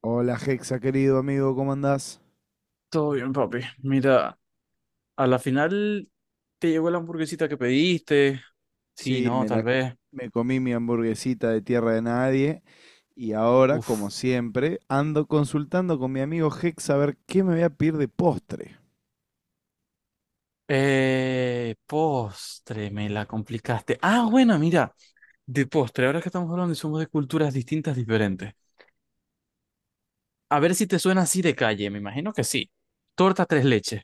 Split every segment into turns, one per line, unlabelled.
Hola Hexa, querido amigo, ¿cómo andás?
Todo bien, papi. Mira, a la final te llegó la hamburguesita que pediste. Sí,
Sí,
no, tal vez.
me comí mi hamburguesita de tierra de nadie y ahora, como
Uf.
siempre, ando consultando con mi amigo Hexa a ver qué me voy a pedir de postre.
Postre, me la complicaste. Ah, bueno, mira, de postre. Ahora que estamos hablando y somos de culturas distintas, diferentes. A ver si te suena así de calle, me imagino que sí. Torta tres leches.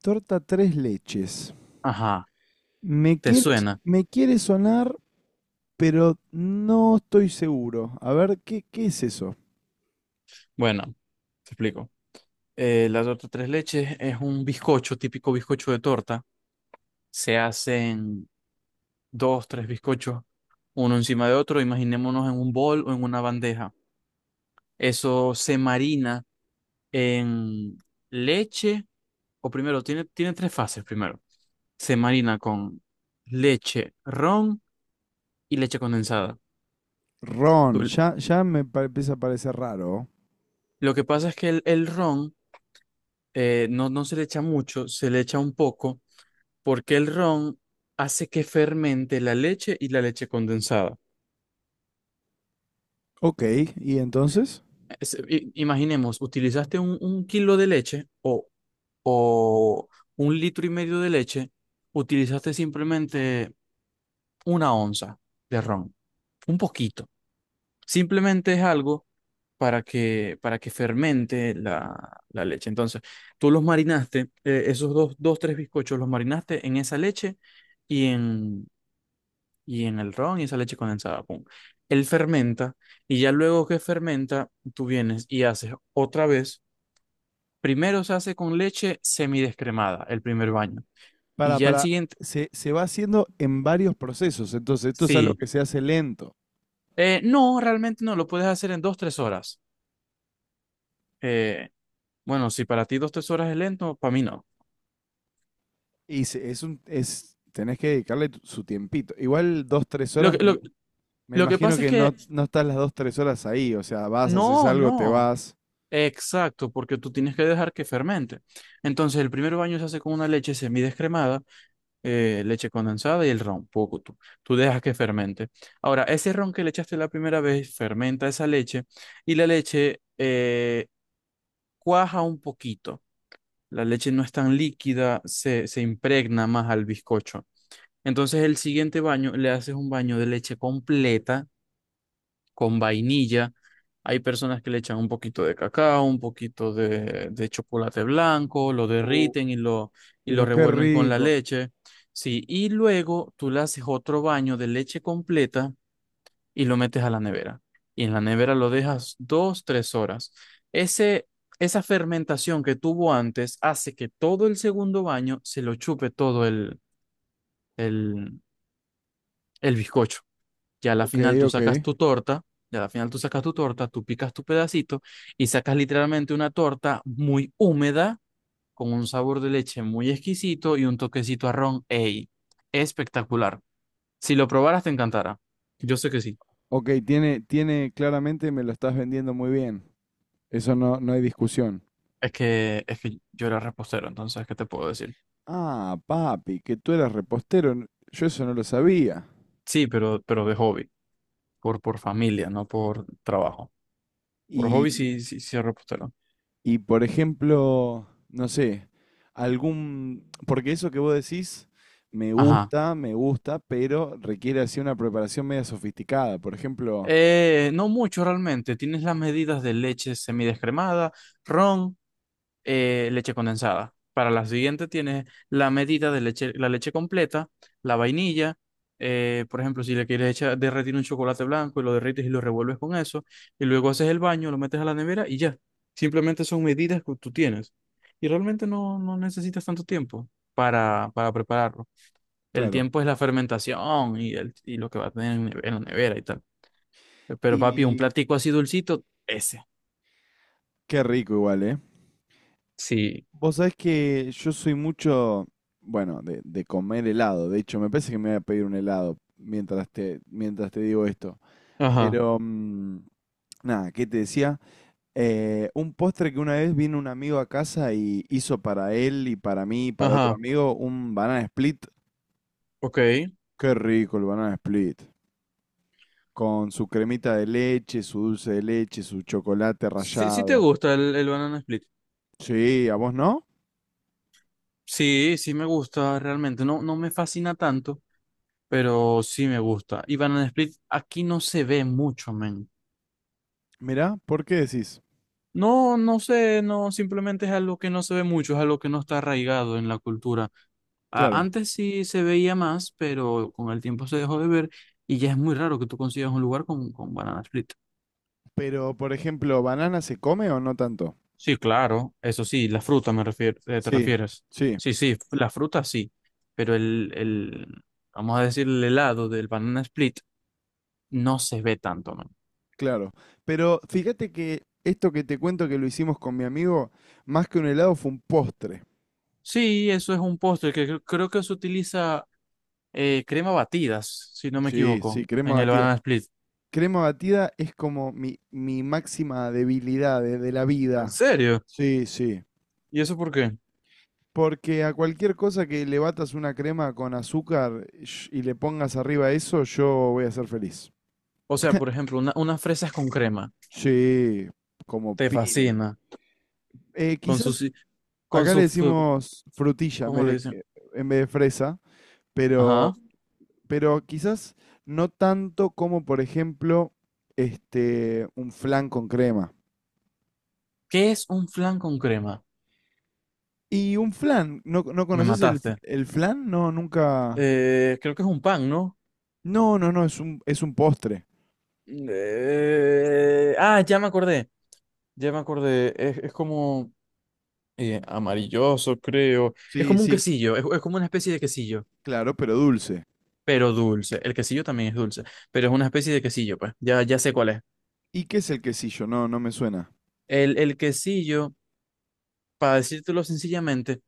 Torta tres leches.
Ajá,
Me
¿te
quiere,
suena?
me quiere sonar, pero no estoy seguro. A ver, ¿ qué es eso?
Bueno, te explico. La torta tres leches es un bizcocho, típico bizcocho de torta. Se hacen dos, tres bizcochos, uno encima de otro, imaginémonos en un bol o en una bandeja. Eso se marina en leche, o primero, tiene tres fases primero. Se marina con leche, ron y leche condensada.
Ron,
Tú-
ya, ya empieza a parecer raro.
Lo que pasa es que el ron no, no se le echa mucho, se le echa un poco, porque el ron hace que fermente la leche y la leche condensada.
Ok, ¿y entonces?
Imaginemos, utilizaste un kilo de leche o un litro y medio de leche, utilizaste simplemente una onza de ron, un poquito. Simplemente es algo para que fermente la leche. Entonces, tú los marinaste, esos tres bizcochos, los marinaste en esa leche y en, y en el ron y esa leche condensada. Pum. Él fermenta y ya luego que fermenta, tú vienes y haces otra vez. Primero se hace con leche semidescremada, el primer baño. Y ya el
Para,
siguiente,
se va haciendo en varios procesos, entonces esto es algo
sí.
que se hace lento
No, realmente no, lo puedes hacer en dos, tres horas. Eh, bueno, si para ti dos, tres horas es lento, para mí no.
y tenés que dedicarle su tiempito. Igual dos, tres
Lo
horas,
que, lo,
me
lo que
imagino
pasa es
que
que,
no, no estás las 2, 3 horas ahí, o sea, vas, haces
no,
algo, te
no.
vas.
Exacto, porque tú tienes que dejar que fermente. Entonces, el primer baño se hace con una leche semidescremada, leche condensada y el ron, poco tú. Tú dejas que fermente. Ahora, ese ron que le echaste la primera vez fermenta esa leche y la leche cuaja un poquito. La leche no es tan líquida, se impregna más al bizcocho. Entonces el siguiente baño le haces un baño de leche completa con vainilla. Hay personas que le echan un poquito de cacao, un poquito de chocolate blanco, lo
Oh,
derriten y y lo
pero qué
revuelven con la
rico.
leche. Sí, y luego tú le haces otro baño de leche completa y lo metes a la nevera. Y en la nevera lo dejas dos, tres horas. Ese, esa fermentación que tuvo antes hace que todo el segundo baño se lo chupe todo el, el bizcocho. ya a la
Ok,
final tú
ok.
sacas tu torta, ya a la final tú sacas tu torta, tú picas tu pedacito y sacas literalmente una torta muy húmeda, con un sabor de leche muy exquisito y un toquecito a ron. ¡Ey! Espectacular. Si lo probaras, te encantará. Yo sé que sí.
Ok, tiene, claramente me lo estás vendiendo muy bien. Eso no, no hay discusión.
Es que yo era repostero, entonces, ¿qué te puedo decir?
Ah, papi, que tú eras repostero. Yo eso no lo sabía.
Sí, pero de hobby, por familia, no por trabajo. Por
Y
hobby sí, sí, sí, era repostero.
Y por ejemplo, no sé, algún, porque eso que vos decís
Ajá.
me gusta, pero requiere así una preparación media sofisticada. Por ejemplo,
No mucho realmente. Tienes las medidas de leche semidescremada, ron, leche condensada. Para la siguiente tienes la medida de leche, la leche completa, la vainilla, por ejemplo, si le quieres echar, derretir un chocolate blanco y lo derrites y lo revuelves con eso, y luego haces el baño, lo metes a la nevera y ya. Simplemente son medidas que tú tienes. Y realmente no, no necesitas tanto tiempo para, prepararlo. El
claro.
tiempo es la fermentación y lo que va a tener en la nevera y tal. Pero papi, un
Y
platico así dulcito, ese.
qué rico igual, ¿eh?
Sí.
Vos sabés que yo soy mucho, bueno, de comer helado. De hecho, me parece que me voy a pedir un helado mientras te digo esto.
Ajá,
Pero, nada, ¿qué te decía? Un postre que una vez vino un amigo a casa y hizo para él y para mí y para otro
ajá,
amigo un banana split.
ok.
Qué rico el banana split. Con su cremita de leche, su dulce de leche, su chocolate
Sí, sí te
rallado.
gusta el banana split.
Sí, ¿a vos no?
Sí, sí me gusta realmente. No, no me fascina tanto, pero sí me gusta. Y banana split aquí no se ve mucho, men.
Mirá, ¿por qué decís?
No, no sé, no, simplemente es algo que no se ve mucho, es algo que no está arraigado en la cultura.
Claro.
Antes sí se veía más, pero con el tiempo se dejó de ver y ya es muy raro que tú consigas un lugar con, banana split.
Pero, por ejemplo, ¿banana se come o no tanto?
Sí, claro, eso sí, la fruta te
Sí,
refieres.
sí,
Sí, sí, la fruta sí, pero el vamos a decir, el helado del banana split no se ve tanto, man.
claro. Pero fíjate que esto que te cuento que lo hicimos con mi amigo, más que un helado fue un postre.
Sí, eso es un postre que creo que se utiliza crema batidas, si no me
Sí, sí,
equivoco,
crema
en el
batida.
banana split.
Crema batida es como mi máxima debilidad de la
¿En
vida.
serio?
Sí, sí.
¿Y eso por qué?
Porque a cualquier cosa que le batas una crema con azúcar y le pongas arriba eso, yo voy a ser feliz.
O sea, por ejemplo, unas fresas con crema,
Sí, como
te
piña.
fascina, con su,
Quizás
si- con
acá le
su, fu-
decimos frutilla en
¿cómo
vez
le dicen?
en vez de fresa, pero,
Ajá.
quizás no tanto como, por ejemplo, un flan con crema.
¿Qué es un flan con crema?
Y un flan, ¿no, no
Me
conoces
mataste.
el flan? No, nunca.
Creo que es un pan, ¿no?
No, no, no, es un postre.
Ah, ya me acordé, ya me acordé. Es como amarilloso, creo. Es
Sí,
como un
sí,
quesillo, es como una especie de quesillo,
claro, pero dulce.
pero dulce. El quesillo también es dulce, pero es una especie de quesillo, pues. Ya, ya sé cuál es.
¿Y qué es el quesillo? No, no me suena.
El quesillo, para decírtelo sencillamente,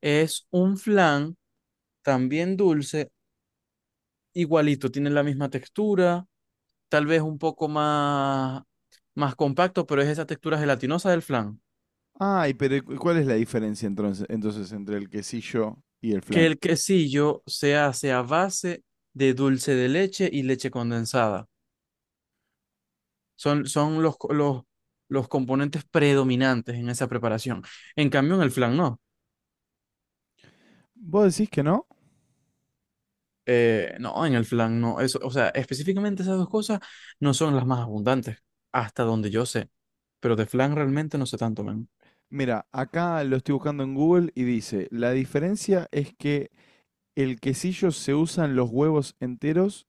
es un flan también dulce, igualito, tiene la misma textura tal vez un poco más compacto, pero es esa textura gelatinosa del flan.
Ay, pero ¿y ¿cuál es la diferencia entonces entre el quesillo y el
Que
flan?
el quesillo se hace a base de dulce de leche y leche condensada. Son los componentes predominantes en esa preparación. En cambio, en el flan no.
¿Vos decís que no?
No, en el flan no. Eso, o sea, específicamente esas dos cosas no son las más abundantes, hasta donde yo sé. Pero de flan realmente no sé tanto, men.
Mira, acá lo estoy buscando en Google y dice, la diferencia es que el quesillo se usan los huevos enteros.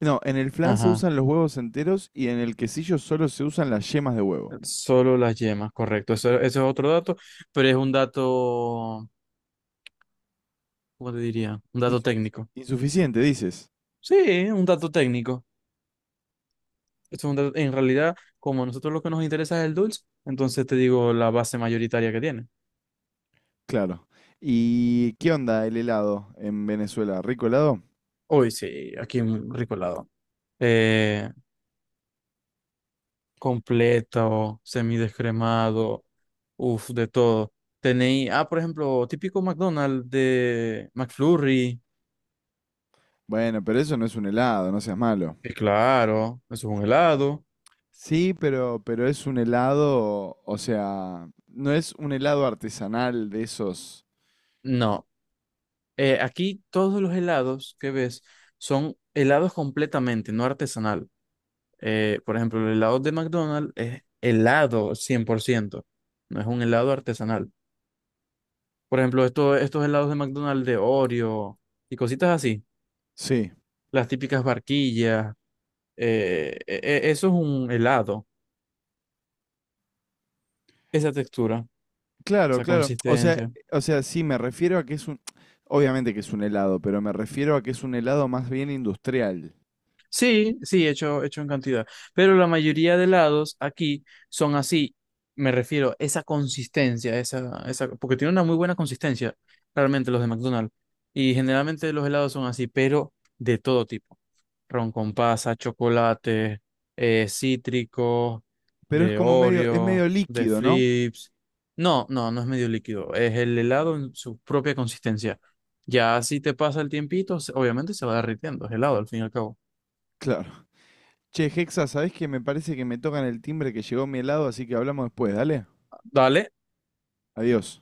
No, en el flan se
Ajá.
usan los huevos enteros y en el quesillo solo se usan las yemas de huevo.
Solo las yemas, correcto. Eso es otro dato, pero es un dato, ¿cómo te diría? Un dato técnico.
Insuficiente, dices.
Sí, un dato técnico. Esto es en realidad, como a nosotros lo que nos interesa es el dulce, entonces te digo la base mayoritaria que tiene.
Claro. ¿Y qué onda el helado en Venezuela? ¿Rico helado?
Hoy sí, aquí un rico helado. Eh, Completo, semidescremado, uff, de todo. Tenéis, ah, por ejemplo, típico McDonald's de McFlurry,
Bueno, pero eso no es un helado, no seas malo.
que claro, eso es un helado.
Sí, pero es un helado, o sea, no es un helado artesanal de esos.
No, aquí todos los helados que ves son helados completamente, no artesanal. Por ejemplo, el helado de McDonald's es helado 100%, no es un helado artesanal. Por ejemplo, estos helados de McDonald's de Oreo y cositas así,
Sí.
las típicas barquillas, eh, e- eso es un helado, esa textura,
Claro,
esa
claro. O sea,
consistencia.
sí, me refiero a que obviamente que es un helado, pero me refiero a que es un helado más bien industrial.
Sí, sí, hecho, hecho en cantidad. Pero la mayoría de helados aquí son así. Me refiero esa consistencia, esa, porque tiene una muy buena consistencia, realmente los de McDonald's. Y generalmente los helados son así, pero de todo tipo. Ron con pasa, chocolate, cítrico,
Pero es
de
como es
Oreo,
medio
de
líquido, ¿no?
Flips. No, no, no es medio líquido. Es el helado en su propia consistencia. Ya si te pasa el tiempito, obviamente se va derritiendo. Es helado al fin y al cabo.
Che, Hexa, ¿sabés que me parece que me tocan el timbre que llegó mi helado, así que hablamos después, dale?
Dale.
Adiós.